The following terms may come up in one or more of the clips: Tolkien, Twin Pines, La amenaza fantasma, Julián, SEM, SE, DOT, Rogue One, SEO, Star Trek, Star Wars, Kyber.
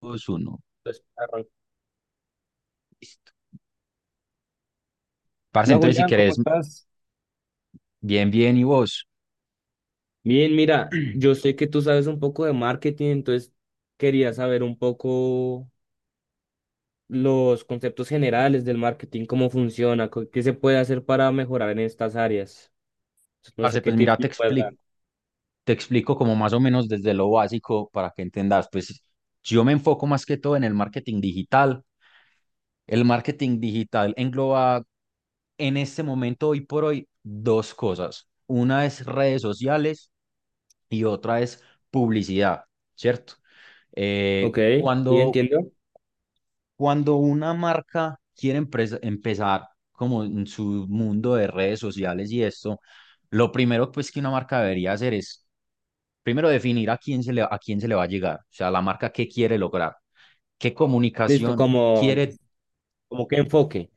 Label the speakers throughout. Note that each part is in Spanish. Speaker 1: Dos uno.
Speaker 2: Entonces, arran-
Speaker 1: Listo. Parce,
Speaker 2: Hola
Speaker 1: entonces si
Speaker 2: Julián,
Speaker 1: querés.
Speaker 2: ¿cómo estás?
Speaker 1: Bien, bien, ¿y vos?
Speaker 2: Bien, mira, yo sé que tú sabes un poco de marketing, entonces quería saber un poco los conceptos generales del marketing, cómo funciona, qué se puede hacer para mejorar en estas áreas. Entonces, no
Speaker 1: Parce,
Speaker 2: sé qué
Speaker 1: pues mira,
Speaker 2: tips me
Speaker 1: te
Speaker 2: puedes dar.
Speaker 1: explico. Te explico, como más o menos desde lo básico para que entendas. Pues yo me enfoco más que todo en el marketing digital. El marketing digital engloba en este momento, hoy por hoy, dos cosas. Una es redes sociales y otra es publicidad, ¿cierto?
Speaker 2: Ok,
Speaker 1: Eh,
Speaker 2: sí,
Speaker 1: cuando
Speaker 2: entiendo.
Speaker 1: Cuando una marca quiere empezar como en su mundo de redes sociales y esto, lo primero pues que una marca debería hacer es primero definir a quién se le, va a llegar, o sea, la marca qué quiere lograr, qué
Speaker 2: Listo,
Speaker 1: comunicación
Speaker 2: como,
Speaker 1: quiere,
Speaker 2: como qué enfoque.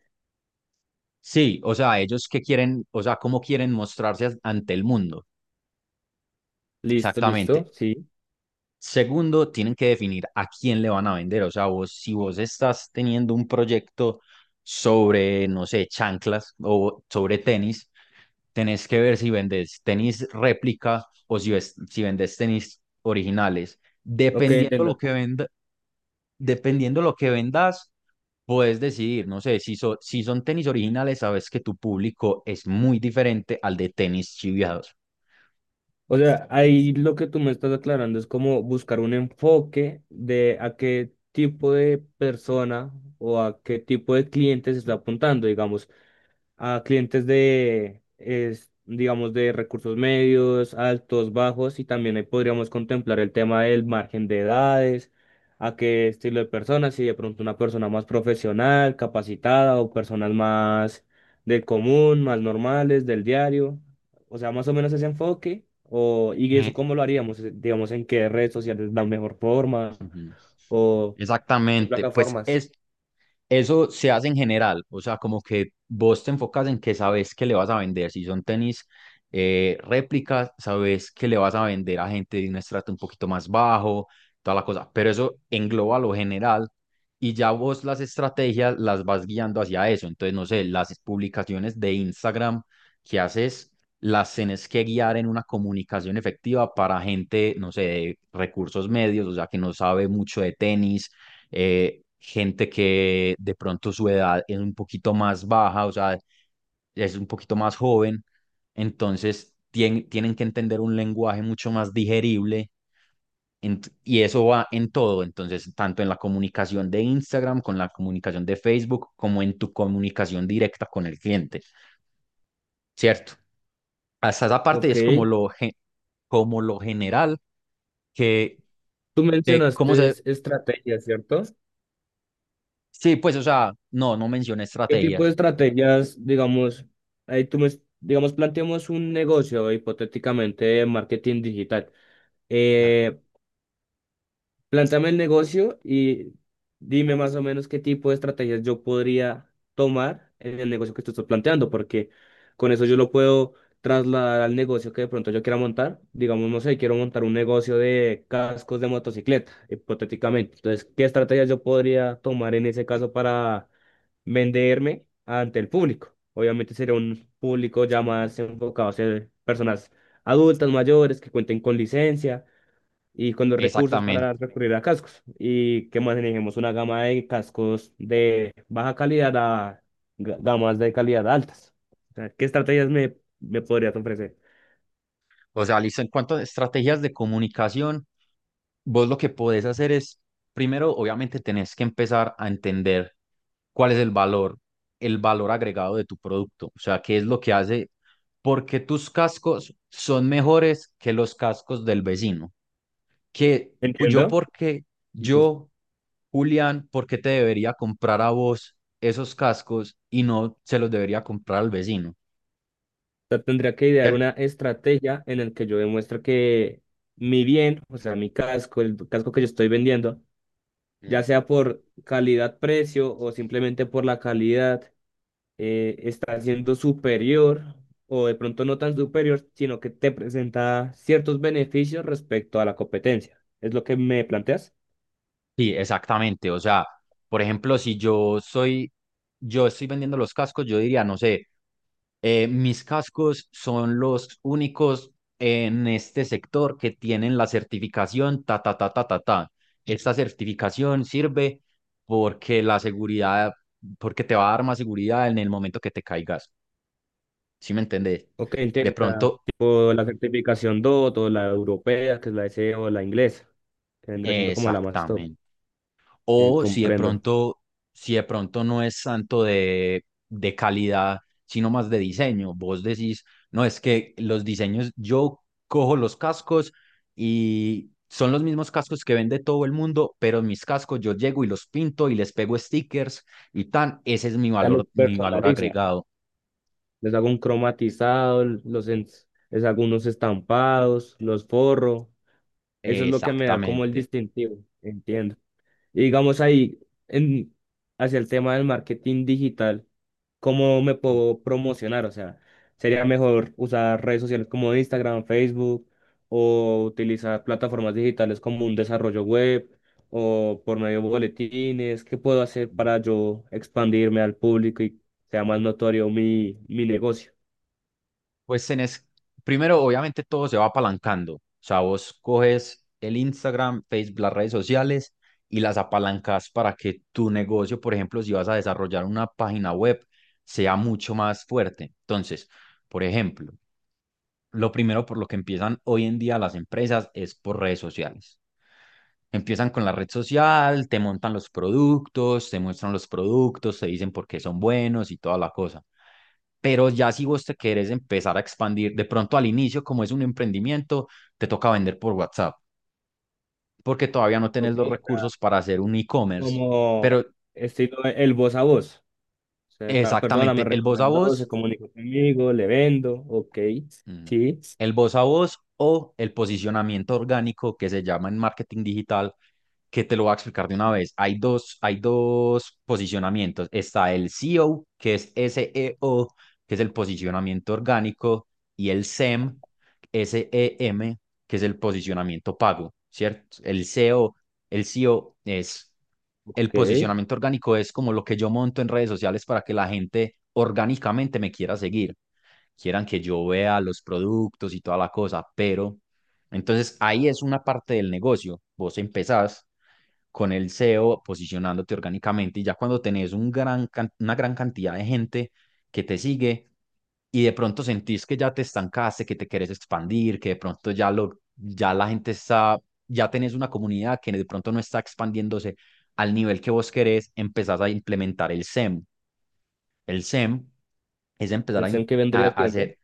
Speaker 1: sí, o sea, ellos qué quieren, o sea, cómo quieren mostrarse ante el mundo,
Speaker 2: Listo, listo,
Speaker 1: exactamente.
Speaker 2: sí.
Speaker 1: Segundo, tienen que definir a quién le van a vender. O sea, vos, si vos estás teniendo un proyecto sobre, no sé, chanclas o sobre tenis, tenés que ver si vendes tenis réplica o si, si vendes tenis originales.
Speaker 2: Ok,
Speaker 1: Dependiendo lo
Speaker 2: entiendo.
Speaker 1: que venda, dependiendo lo que vendas, puedes decidir, no sé, si, si son tenis originales, sabes que tu público es muy diferente al de tenis chiviados.
Speaker 2: O sea, ahí lo que tú me estás aclarando es como buscar un enfoque de a qué tipo de persona o a qué tipo de cliente se está apuntando. Digamos, a clientes de, es, digamos, de recursos medios, altos, bajos, y también ahí podríamos contemplar el tema del margen de edades, a qué estilo de personas, si de pronto una persona más profesional, capacitada, o personas más del común, más normales, del diario, o sea, más o menos ese enfoque, o, y
Speaker 1: Ujú.
Speaker 2: eso cómo lo haríamos, digamos, en qué redes sociales la mejor forma,
Speaker 1: Ujú.
Speaker 2: o qué
Speaker 1: Exactamente, pues
Speaker 2: plataformas.
Speaker 1: es, Eso se hace en general, o sea, como que vos te enfocas en que sabes que le vas a vender. Si son tenis réplicas, sabes que le vas a vender a gente de un estrato un poquito más bajo, toda la cosa. Pero eso engloba lo general y ya vos las estrategias las vas guiando hacia eso. Entonces, no sé, las publicaciones de Instagram que haces, las tienes que guiar en una comunicación efectiva para gente, no sé, de recursos medios, o sea, que no sabe mucho de tenis gente que de pronto su edad es un poquito más baja, o sea, es un poquito más joven, entonces tienen que entender un lenguaje mucho más digerible, y eso va en todo, entonces tanto en la comunicación de Instagram, con la comunicación de Facebook, como en tu comunicación directa con el cliente, ¿cierto? Hasta esa parte
Speaker 2: Ok,
Speaker 1: es como como lo general que
Speaker 2: tú
Speaker 1: de cómo
Speaker 2: mencionaste
Speaker 1: se...
Speaker 2: estrategias, ¿cierto?
Speaker 1: Sí, pues, o sea, no mencioné
Speaker 2: ¿Qué tipo de
Speaker 1: estrategias.
Speaker 2: estrategias, digamos, ahí tú me, digamos, planteamos un negocio hipotéticamente de marketing digital?
Speaker 1: Ajá.
Speaker 2: Eh, Plántame el negocio y dime más o menos qué tipo de estrategias yo podría tomar en el negocio que tú estás planteando, porque con eso yo lo puedo trasladar al negocio que de pronto yo quiera montar. Digamos, no sé, quiero montar un negocio de cascos de motocicleta, hipotéticamente. Entonces, ¿qué estrategias yo podría tomar en ese caso para venderme ante el público? Obviamente sería un público ya más enfocado a ser personas adultas, mayores, que cuenten con licencia y con los recursos
Speaker 1: Exactamente.
Speaker 2: para recurrir a cascos y que manejemos una gama de cascos de baja calidad a gamas de calidad altas. O sea, ¿qué estrategias me podrías ofrecer?
Speaker 1: O sea, listo, en cuanto a estrategias de comunicación, vos lo que podés hacer es, primero, obviamente, tenés que empezar a entender cuál es el valor agregado de tu producto. O sea, qué es lo que hace, porque tus cascos son mejores que los cascos del vecino. Que pu- yo,
Speaker 2: ¿Entiendo?
Speaker 1: porque
Speaker 2: Difícil.
Speaker 1: yo, Julián, ¿por qué te debería comprar a vos esos cascos y no se los debería comprar al vecino?
Speaker 2: O sea, tendría que idear
Speaker 1: ¿Cierto?
Speaker 2: una estrategia en la que yo demuestre que mi bien, o sea, mi casco, el casco que yo estoy vendiendo, ya
Speaker 1: Ujú.
Speaker 2: sea por calidad-precio o simplemente por la calidad, está siendo superior o de pronto no tan superior, sino que te presenta ciertos beneficios respecto a la competencia. ¿Es lo que me planteas?
Speaker 1: Sí, exactamente. O sea, por ejemplo, si yo soy, yo estoy vendiendo los cascos, yo diría, no sé, mis cascos son los únicos en este sector que tienen la certificación ta, ta, ta, ta, ta, ta. Esta certificación sirve porque la seguridad, porque te va a dar más seguridad en el momento que te caigas. ¿Sí me entendés?
Speaker 2: Ok,
Speaker 1: De
Speaker 2: entiendo. O sea,
Speaker 1: pronto,
Speaker 2: tipo la certificación DOT o la europea, que es la SE o la inglesa, que vendría siendo como la más top.
Speaker 1: exactamente. O si de
Speaker 2: Comprendo.
Speaker 1: pronto, si de pronto no es tanto de calidad, sino más de diseño. Vos decís, no, es que los diseños, yo cojo los cascos y son los mismos cascos que vende todo el mundo, pero mis cascos yo llego y los pinto y les pego stickers y tan, ese es
Speaker 2: Ya los
Speaker 1: mi valor
Speaker 2: personalizo.
Speaker 1: agregado.
Speaker 2: Les hago un cromatizado, les hago unos estampados, los forro. Eso es lo que me da como el
Speaker 1: Exactamente.
Speaker 2: distintivo. Entiendo. Y digamos ahí, en, hacia el tema del marketing digital, ¿cómo me puedo promocionar? O sea, ¿sería mejor usar redes sociales como Instagram, Facebook, o utilizar plataformas digitales como un desarrollo web, o por medio de boletines? ¿Qué puedo hacer para yo expandirme al público y sea más notorio mi negocio?
Speaker 1: Pues tenés, primero, obviamente todo se va apalancando. O sea, vos coges el Instagram, Facebook, las redes sociales y las apalancas para que tu negocio, por ejemplo, si vas a desarrollar una página web, sea mucho más fuerte. Entonces, por ejemplo, lo primero por lo que empiezan hoy en día las empresas es por redes sociales. Empiezan con la red social, te montan los productos, te muestran los productos, te dicen por qué son buenos y toda la cosa. Pero ya si vos te querés empezar a expandir, de pronto al inicio, como es un emprendimiento, te toca vender por WhatsApp, porque todavía no
Speaker 2: Ok,
Speaker 1: tenés los
Speaker 2: o sea,
Speaker 1: recursos para hacer un e-commerce.
Speaker 2: como
Speaker 1: Pero
Speaker 2: estilo el voz a voz. O sea, esta persona me
Speaker 1: exactamente, el voz a
Speaker 2: recomendó, se
Speaker 1: voz,
Speaker 2: comunicó conmigo, le vendo, ok,
Speaker 1: mm,
Speaker 2: sí,
Speaker 1: el voz a voz o el posicionamiento orgánico que se llama en marketing digital, que te lo voy a explicar de una vez. Hay dos posicionamientos. Está el SEO, que es el posicionamiento orgánico, y el SEM, SEM, que es el posicionamiento pago, ¿cierto? El SEO es el
Speaker 2: ok.
Speaker 1: posicionamiento orgánico, es como lo que yo monto en redes sociales para que la gente orgánicamente me quiera seguir, quieran que yo vea los productos y toda la cosa, pero entonces ahí es una parte del negocio. Vos empezás con el SEO posicionándote orgánicamente y ya cuando tenés un una gran cantidad de gente que te sigue y de pronto sentís que ya te estancaste, que te querés expandir, que de pronto ya, ya la gente está, ya tenés una comunidad que de pronto no está expandiéndose al nivel que vos querés, empezás a implementar el SEM. El SEM es empezar
Speaker 2: ¿El
Speaker 1: a, in-
Speaker 2: SEM qué
Speaker 1: a
Speaker 2: vendría haciendo?
Speaker 1: hacer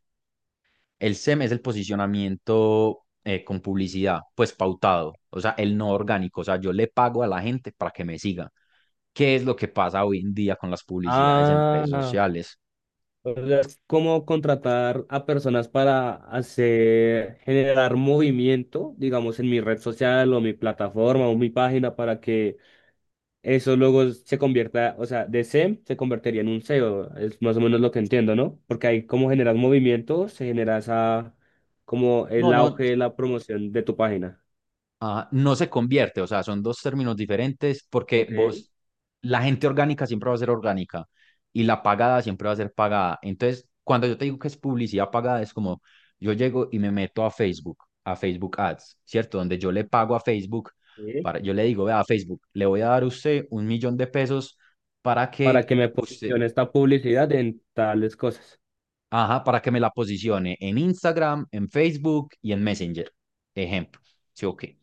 Speaker 1: el SEM es el posicionamiento con publicidad, pues pautado, o sea, el no orgánico, o sea, yo le pago a la gente para que me siga. ¿Qué es lo que pasa hoy en día con las publicidades en redes
Speaker 2: Ah,
Speaker 1: sociales?
Speaker 2: o sea, es como contratar a personas para hacer, generar movimiento, digamos, en mi red social o mi plataforma o mi página para que eso luego se convierta, o sea, de SEM se convertiría en un SEO, es más o menos lo que entiendo, ¿no? Porque ahí como generas movimiento, se genera esa, como
Speaker 1: No,
Speaker 2: el
Speaker 1: no,
Speaker 2: auge de la promoción de tu página.
Speaker 1: no se convierte, o sea, son dos términos diferentes porque
Speaker 2: Ok,
Speaker 1: vos, la gente orgánica siempre va a ser orgánica y la pagada siempre va a ser pagada. Entonces, cuando yo te digo que es publicidad pagada, es como yo llego y me meto a Facebook Ads, ¿cierto? Donde yo le pago a Facebook,
Speaker 2: sí,
Speaker 1: para, yo le digo, vea, Facebook, le voy a dar a usted $1.000.000 para
Speaker 2: para
Speaker 1: que
Speaker 2: que me
Speaker 1: usted,
Speaker 2: posicione esta publicidad en tales cosas.
Speaker 1: ajá, para que me la posicione en Instagram, en Facebook y en Messenger. Ejemplo, ¿sí o qué?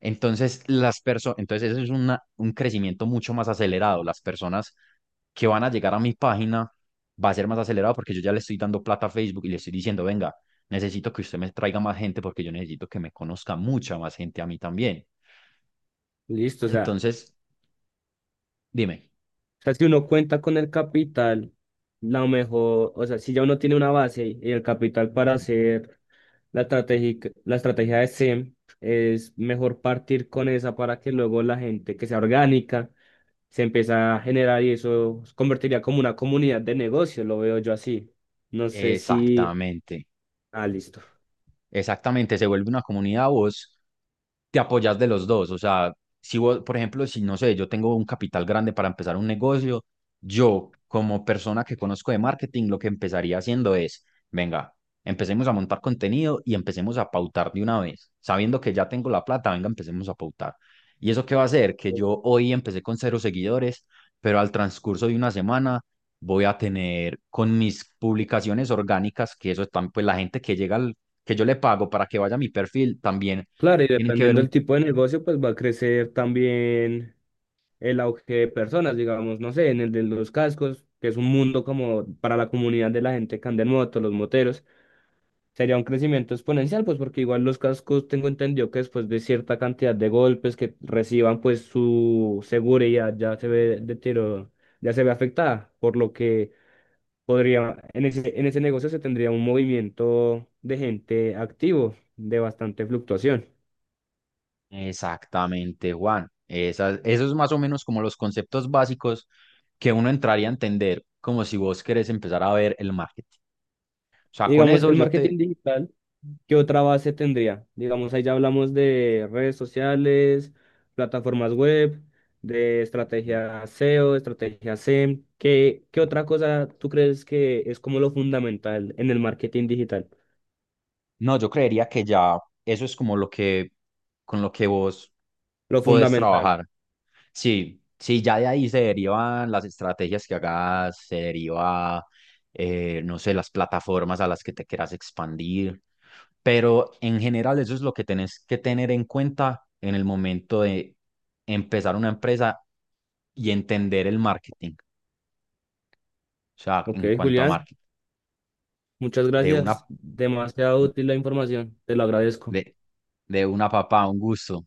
Speaker 1: Entonces, entonces eso es un crecimiento mucho más acelerado. Las personas que van a llegar a mi página va a ser más acelerado porque yo ya le estoy dando plata a Facebook y le estoy diciendo, venga, necesito que usted me traiga más gente porque yo necesito que me conozca mucha más gente a mí también.
Speaker 2: Listo,
Speaker 1: Entonces, dime.
Speaker 2: o sea, si uno cuenta con el capital, la mejor, o sea, si ya uno tiene una base y el capital para hacer la estrategia de SEM, es mejor partir con esa para que luego la gente que sea orgánica se empiece a generar y eso se convertiría como una comunidad de negocio, lo veo yo así. No sé si...
Speaker 1: Exactamente.
Speaker 2: Ah, listo.
Speaker 1: Exactamente, se vuelve una comunidad, vos te apoyas de los dos. O sea, si vos, por ejemplo, si no sé, yo tengo un capital grande para empezar un negocio, yo como persona que conozco de marketing, lo que empezaría haciendo es, venga, empecemos a montar contenido y empecemos a pautar de una vez. Sabiendo que ya tengo la plata, venga, empecemos a pautar. ¿Y eso qué va a hacer? Que yo hoy empecé con cero seguidores, pero al transcurso de una semana voy a tener con mis publicaciones orgánicas, que eso están, pues la gente que llega que yo le pago para que vaya a mi perfil, también
Speaker 2: Claro, y
Speaker 1: tienen que ver
Speaker 2: dependiendo del
Speaker 1: un...
Speaker 2: tipo de negocio, pues va a crecer también el auge de personas, digamos, no sé, en el de los cascos, que es un mundo como para la comunidad de la gente que anda en moto, los moteros, sería un crecimiento exponencial, pues porque igual los cascos tengo entendido que después de cierta cantidad de golpes que reciban, pues su seguridad ya se ve ya se ve afectada, por lo que podría, en ese negocio se tendría un movimiento de gente activo, de bastante fluctuación.
Speaker 1: Exactamente, Juan. Esas, eso es más o menos como los conceptos básicos que uno entraría a entender como si vos querés empezar a ver el marketing. O
Speaker 2: Y
Speaker 1: sea, con
Speaker 2: digamos,
Speaker 1: eso
Speaker 2: el
Speaker 1: yo te...
Speaker 2: marketing digital, ¿qué otra base tendría? Digamos, ahí ya hablamos de redes sociales, plataformas web, de estrategia SEO, estrategia SEM. ¿Qué otra cosa tú crees que es como lo fundamental en el marketing digital?
Speaker 1: No, yo creería que ya eso es como lo que, con lo que vos
Speaker 2: Lo
Speaker 1: podés
Speaker 2: fundamental.
Speaker 1: trabajar. Sí, sí, ya de ahí se derivan las estrategias que hagas, se deriva, no sé, las plataformas a las que te quieras expandir, pero en general eso es lo que tenés que tener en cuenta en el momento de empezar una empresa y entender el marketing, o sea,
Speaker 2: Ok,
Speaker 1: en cuanto a
Speaker 2: Julián,
Speaker 1: marketing,
Speaker 2: muchas
Speaker 1: de una,
Speaker 2: gracias. Demasiado útil la información. Te lo agradezco.
Speaker 1: de, de una papá, un gusto.